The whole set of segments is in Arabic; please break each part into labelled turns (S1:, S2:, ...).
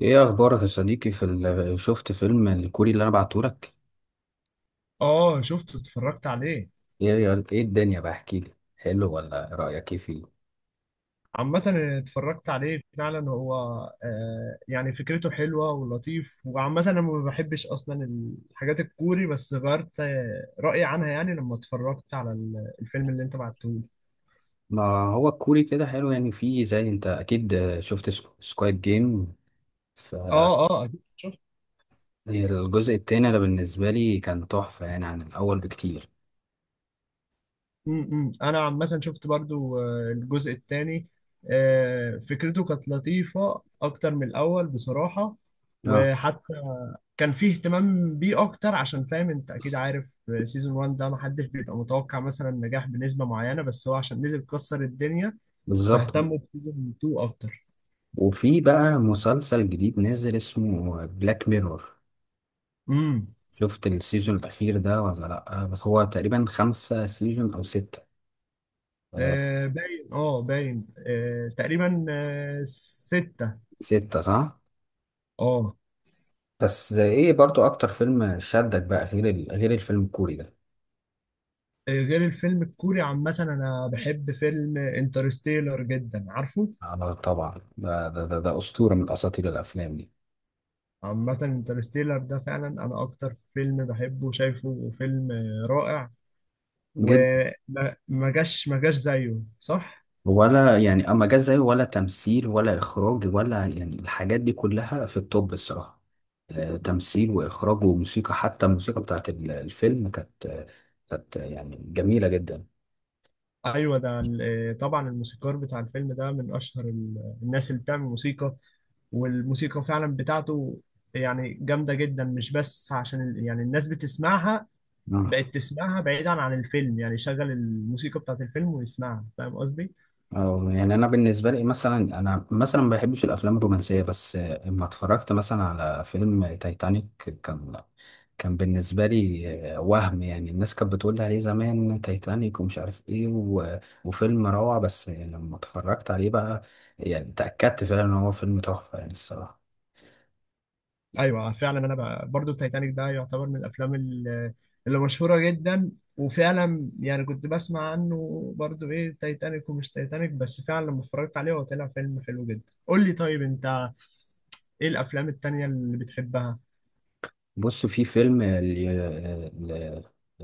S1: ايه اخبارك يا صديقي؟ شفت فيلم الكوري اللي انا بعتهولك؟
S2: اه شفته اتفرجت عليه.
S1: ايه ايه، الدنيا بقى احكي لي، حلو ولا رايك ايه فيه؟
S2: عامة اتفرجت عليه فعلا. هو آه يعني فكرته حلوة ولطيف، وعامة انا ما بحبش اصلا الحاجات الكوري، بس غيرت رأيي عنها يعني لما اتفرجت على الفيلم اللي انت بعته لي.
S1: ما هو الكوري كده حلو، يعني فيه زي انت اكيد. شفت سكواد جيم؟ ف
S2: اه أكيد شفت.
S1: الجزء التاني ده بالنسبه لي كان تحفه يعني عن الاول بكتير.
S2: م -م. انا عامة شفت برضو الجزء الثاني. آه، فكرته كانت لطيفة اكتر من الاول بصراحة.
S1: اه،
S2: وحتى كان فيه اهتمام بيه اكتر، عشان فاهم انت اكيد عارف سيزون 1 ده محدش بيبقى متوقع مثلا نجاح بنسبة معينة، بس هو عشان نزل كسر الدنيا،
S1: بالظبط.
S2: فاهتموا بسيزون 2 اكتر.
S1: وفي بقى مسلسل جديد نازل اسمه بلاك ميرور.
S2: امم
S1: شفت السيزون الاخير ده ولا لا؟ بس هو تقريبا خمسة سيزون او ستة. آه،
S2: آه باين، اه باين تقريبا آه ستة.
S1: ستة، صح.
S2: اه.
S1: بس ايه برضو اكتر فيلم شدك بقى غير غير الفيلم الكوري ده؟
S2: غير الفيلم الكوري، عامة انا بحب فيلم انترستيلر جدا عارفه.
S1: آه، طبعا، ده اسطوره من اساطير الافلام دي.
S2: عامة انترستيلر ده فعلا انا اكتر فيلم بحبه، شايفه فيلم رائع.
S1: جد،
S2: وما ما جاش ما جاش زيه، صح؟
S1: ولا يعني اما جه زيه، ولا تمثيل ولا اخراج، ولا يعني الحاجات دي كلها في التوب الصراحه. آه، تمثيل واخراج وموسيقى، حتى الموسيقى بتاعت الفيلم كانت يعني جميله جدا.
S2: ايوه ده ال- طبعا الموسيقار بتاع الفيلم ده من اشهر ال- الناس اللي بتعمل موسيقى والموسيقى فعلا بتاعته يعني جامده جدا مش بس عشان ال- يعني الناس بتسمعها
S1: آه.
S2: بقت تسمعها بعيدا عن الفيلم يعني شغل الموسيقى بتاعت الفيلم ويسمعها فاهم قصدي؟
S1: يعني انا بالنسبه لي مثلا، انا مثلا ما بحبش الافلام الرومانسيه، بس لما اتفرجت مثلا على فيلم تايتانيك، كان كان بالنسبة لي وهم. يعني الناس كانت بتقول لي عليه زمان، تايتانيك ومش عارف ايه وفيلم روعة، بس يعني لما اتفرجت عليه بقى يعني تأكدت فعلا ان هو فيلم تحفة يعني الصراحة.
S2: ايوه فعلا. انا بقى برضو تايتانيك ده يعتبر من الافلام اللي مشهوره جدا. وفعلا يعني كنت بسمع عنه برضو ايه تايتانيك ومش تايتانيك، بس فعلا لما اتفرجت عليه هو طلع فيلم حلو جدا. قول لي طيب انت ايه الافلام التانية اللي بتحبها؟
S1: بص، في فيلم ال...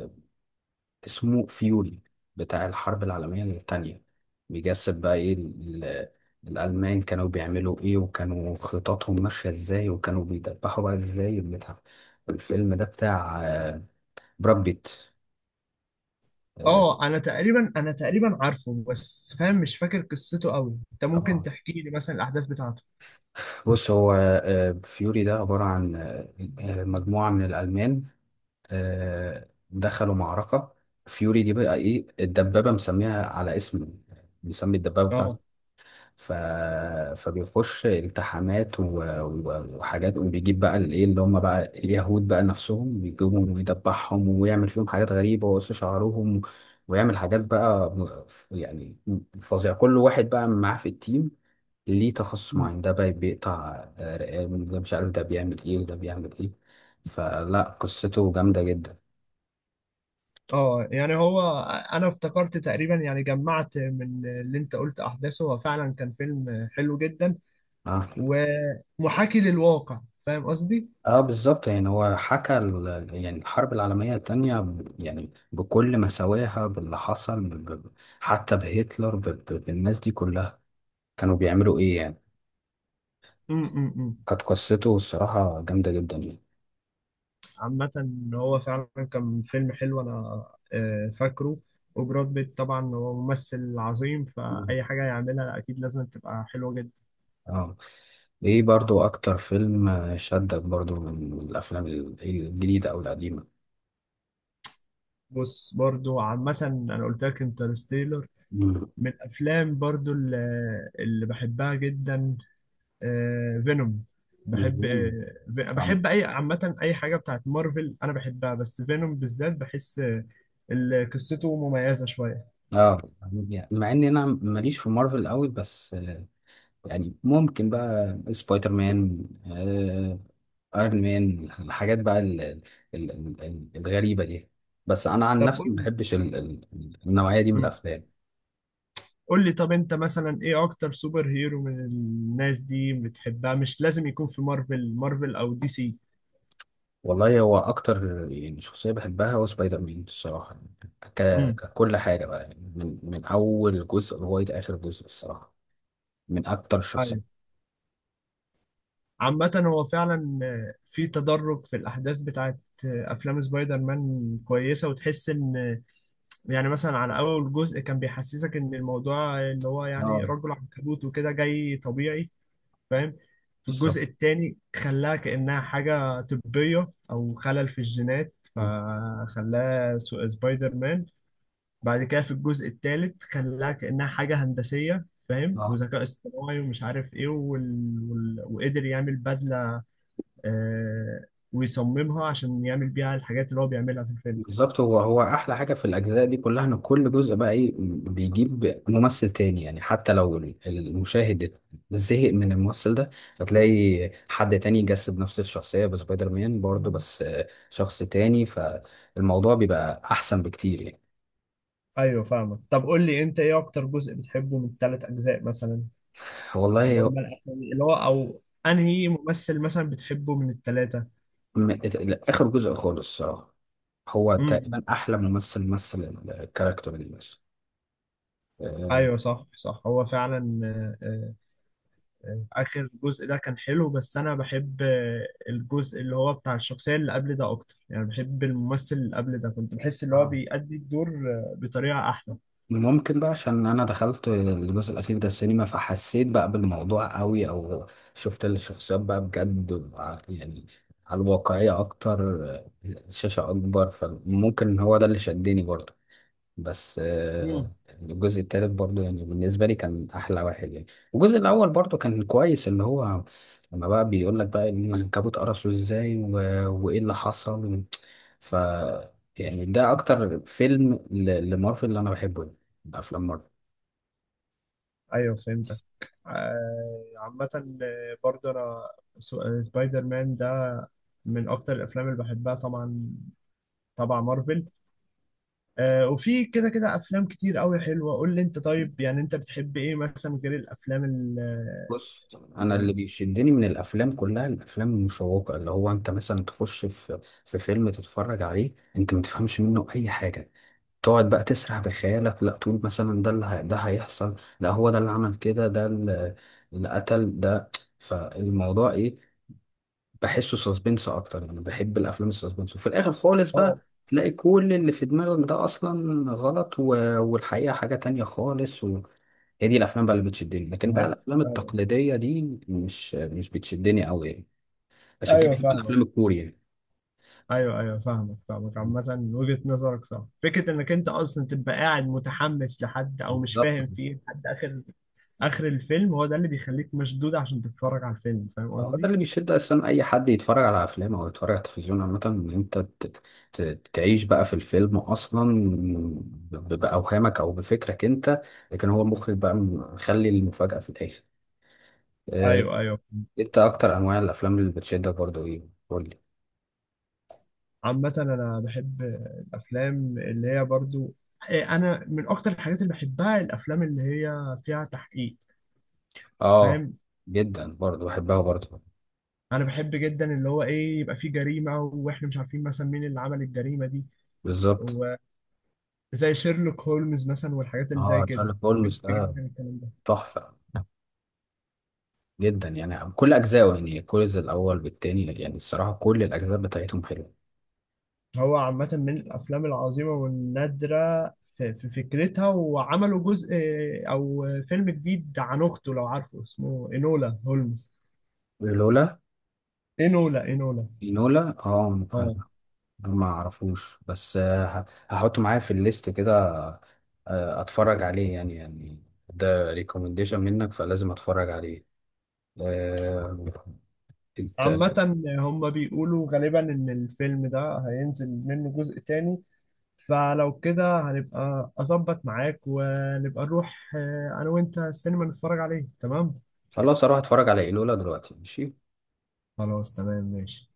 S1: ال- اسمه فيوري، بتاع الحرب العالمية التانية، بيجسد بقى ايه الألمان كانوا بيعملوا ايه، وكانوا خططهم ماشية ازاي، وكانوا بيدبحوا بقى ازاي البتاع. الفيلم ده بتاع براد بيت.
S2: اه انا تقريبا، عارفه بس فاهم مش فاكر قصته قوي، انت ممكن
S1: اه،
S2: تحكي لي مثلا الاحداث بتاعته؟
S1: بص، هو فيوري ده عبارة عن مجموعة من الألمان دخلوا معركة. فيوري دي بقى إيه؟ الدبابة، مسميها على اسم، مسمي الدبابة بتاعته.
S2: اه.
S1: ف... فبيخش التحامات وحاجات، وبيجيب بقى الايه، اللي هم بقى اليهود بقى نفسهم، بيجيبهم ويدبحهم ويعمل فيهم حاجات غريبة ويقص شعرهم، ويعمل حاجات يعني فظيعة. كل واحد بقى معاه في التيم ليه تخصص
S2: مم.
S1: معين، ده بقى بيقطع رقاب، ده مش عارف ده بيعمل ايه وده بيعمل ايه. فلا، قصته جامدة جدا.
S2: اه يعني هو انا افتكرت تقريبا، يعني جمعت من اللي انت قلت احداثه، هو فعلا كان فيلم حلو جدا
S1: اه،
S2: ومحاكي للواقع، فاهم قصدي؟
S1: اه، بالظبط. يعني هو حكى يعني الحرب العالمية التانية يعني بكل مساواها باللي حصل، حتى بهتلر، بالناس دي كلها كانوا بيعملوا ايه يعني.
S2: مم، مم، مم.
S1: كانت قصته الصراحة جامدة جدا يعني.
S2: عامة هو فعلا كان فيلم حلو، انا فاكره. وبراد بيت طبعا هو ممثل عظيم،
S1: مم.
S2: فأي حاجة يعملها أكيد لازم تبقى حلوة جدا.
S1: اه. ايه برضو اكتر فيلم شدك برضو من الافلام الجديدة او القديمة؟
S2: بص برضو عامة أنا قلت لك انترستيلر
S1: مم.
S2: من الأفلام برضو اللي بحبها جدا. فينوم، بحب
S1: الفيلم، طبعاً.
S2: أي عامة أي حاجة بتاعت مارفل أنا بحبها، بس فينوم بالذات بحس اللي قصته مميزة شوية.
S1: اه، يعني مع ان انا ماليش في مارفل قوي، بس يعني ممكن بقى سبايدر مان، ايرون مان، الحاجات بقى الغريبه دي. بس انا عن
S2: طب
S1: نفسي
S2: قول
S1: ما
S2: لي.
S1: بحبش ال ال النوعيه دي من
S2: مم.
S1: الافلام.
S2: قول لي طب أنت مثلا إيه أكتر سوبر هيرو من الناس دي بتحبها؟ مش لازم يكون في مارفل أو دي سي.
S1: والله هو اكتر يعني شخصيه بحبها هو سبايدر مان الصراحه. ك
S2: امم
S1: ككل حاجه بقى، يعني من اول جزء لغايه اخر جزء الصراحه، من اكتر الشخصيات.
S2: عامة هو فعلا آه، في تدرج في الأحداث بتاعت أفلام سبايدر مان كويسة، وتحس إن يعني مثلا على أول جزء كان بيحسسك إن الموضوع اللي هو يعني
S1: اه،
S2: رجل عنكبوت وكده جاي طبيعي، فاهم؟ في
S1: بالظبط.
S2: الجزء التاني خلاها كأنها حاجة طبية أو خلل في الجينات، فخلاها سبايدر مان. بعد كده في الجزء التالت خلاها كأنها حاجة هندسية، فاهم،
S1: اه،
S2: وذكاء اصطناعي ومش عارف ايه وقدر يعمل بدلة آه، ويصممها عشان يعمل بيها الحاجات اللي هو بيعملها في الفيلم.
S1: بالظبط، هو احلى حاجه في الاجزاء دي كلها ان كل جزء بقى ايه بيجيب ممثل تاني، يعني حتى لو المشاهد زهق من الممثل ده هتلاقي حد تاني يجسد نفس الشخصيه بسبايدر مان برضه، بس شخص تاني، فالموضوع بيبقى احسن بكتير يعني.
S2: ايوه فاهمك. طب قول لي انت ايه اكتر جزء بتحبه من الثلاث اجزاء مثلا،
S1: والله
S2: اللي
S1: هو-
S2: هم الاسامي اللي هو، او انهي ممثل مثلا بتحبه من الثلاثه؟
S1: م- اخر جزء خالص الصراحه، هو
S2: امم.
S1: تقريبا احلى ممثل مثل الكاركتر اللي،
S2: ايوه صح صح. هو فعلا اخر جزء ده كان حلو، بس انا بحب الجزء اللي هو بتاع الشخصيه اللي قبل ده اكتر. يعني بحب الممثل اللي قبل ده، كنت بحس اللي هو
S1: بس
S2: بيأدي الدور بطريقه احلى.
S1: ممكن بقى عشان انا دخلت الجزء الاخير ده السينما، فحسيت بقى بالموضوع قوي، او شفت الشخصيات بقى بجد يعني على الواقعية اكتر، الشاشة اكبر، فممكن هو ده اللي شدني برضه. بس
S2: مم.
S1: الجزء التالت برضو يعني بالنسبة لي كان أحلى واحد يعني. الجزء الأول برضو كان كويس، اللي هو لما بقى بيقول لك بقى إن العنكبوت قرصه إزاي وإيه اللي حصل. ف يعني ده أكتر فيلم لمارفل اللي أنا بحبه، يعني أفلام مارفل.
S2: ايوه فهمتك. عامة برضه انا سبايدر مان ده من اكتر الافلام اللي بحبها طبعا. طبعا مارفل وفي كده كده افلام كتير قوي حلوة. قول لي انت طيب، يعني انت بتحب ايه مثلا غير الافلام
S1: بص، أنا اللي
S2: يعني؟
S1: بيشدني من الأفلام كلها الأفلام المشوقة، اللي هو أنت مثلا تخش في في فيلم تتفرج عليه أنت ما تفهمش منه أي حاجة، تقعد بقى تسرح بخيالك، لا تقول مثلا ده ده هيحصل، لا هو ده اللي عمل كده، ده اللي قتل ده، فالموضوع ايه. بحسه سسبنس اكتر، يعني بحب الافلام السسبنس، وفي الاخر خالص بقى
S2: اه.
S1: تلاقي كل اللي في دماغك ده اصلا غلط، والحقيقة حاجة تانية خالص. وهي دي الافلام بقى اللي بتشدني، لكن بقى
S2: ايوه
S1: الافلام
S2: ايوه.
S1: التقليدية دي مش بتشدني قوي يعني. عشان كده
S2: أيوة،
S1: بحب
S2: فاهمك.
S1: الافلام الكورية.
S2: ايوه ايوه، فاهمك فاهمك. عامة وجهة نظرك صح، فكرة انك انت اصلا تبقى قاعد متحمس لحد او مش
S1: بالظبط،
S2: فاهم فيه لحد اخر اخر الفيلم، هو ده اللي بيخليك مشدود عشان تتفرج على الفيلم، فاهم
S1: هو ده
S2: قصدي؟
S1: اللي بيشد اصلا اي حد يتفرج على افلام او يتفرج على التلفزيون عامه، ان انت تعيش بقى في الفيلم اصلا باوهامك او بفكرك انت، لكن هو المخرج بقى مخلي المفاجاه في الاخر. آه،
S2: ايوه ايوه.
S1: انت اكتر انواع الافلام اللي بتشدك برضو ايه؟ قول لي.
S2: عامة انا بحب الافلام اللي هي برضو إيه، انا من اكتر الحاجات اللي بحبها الافلام اللي هي فيها تحقيق،
S1: اه،
S2: فاهم؟
S1: جدا، برضو بحبها برضو.
S2: انا بحب جدا اللي هو ايه، يبقى فيه جريمة واحنا مش عارفين مثلا مين اللي عمل الجريمة دي،
S1: بالظبط.
S2: وزي شيرلوك هولمز مثلا والحاجات اللي زي
S1: اه،
S2: كده.
S1: شارلوك
S2: بحب
S1: هولمز ده
S2: جدا الكلام ده.
S1: تحفه جدا يعني، كل اجزائه، يعني كل الاول بالتاني يعني الصراحه، كل الاجزاء بتاعتهم حلوه.
S2: هو عامة من الافلام العظيمة والنادرة في فكرتها. وعملوا جزء او فيلم جديد عن اخته، لو عارفه، اسمه انولا هولمز.
S1: لولا
S2: انولا.
S1: لولا اه.
S2: اه.
S1: ما اعرفوش، بس هحطه معايا في الليست كده، اتفرج عليه، يعني ده ريكومنديشن منك فلازم اتفرج عليه. آه، انت،
S2: عامة هم بيقولوا غالبا إن الفيلم ده هينزل منه جزء تاني، فلو كده هنبقى أظبط معاك ونبقى نروح أنا وأنت السينما نتفرج عليه، تمام؟
S1: خلاص، اروح اتفرج على ايلولا دلوقتي، ماشي.
S2: خلاص تمام ماشي.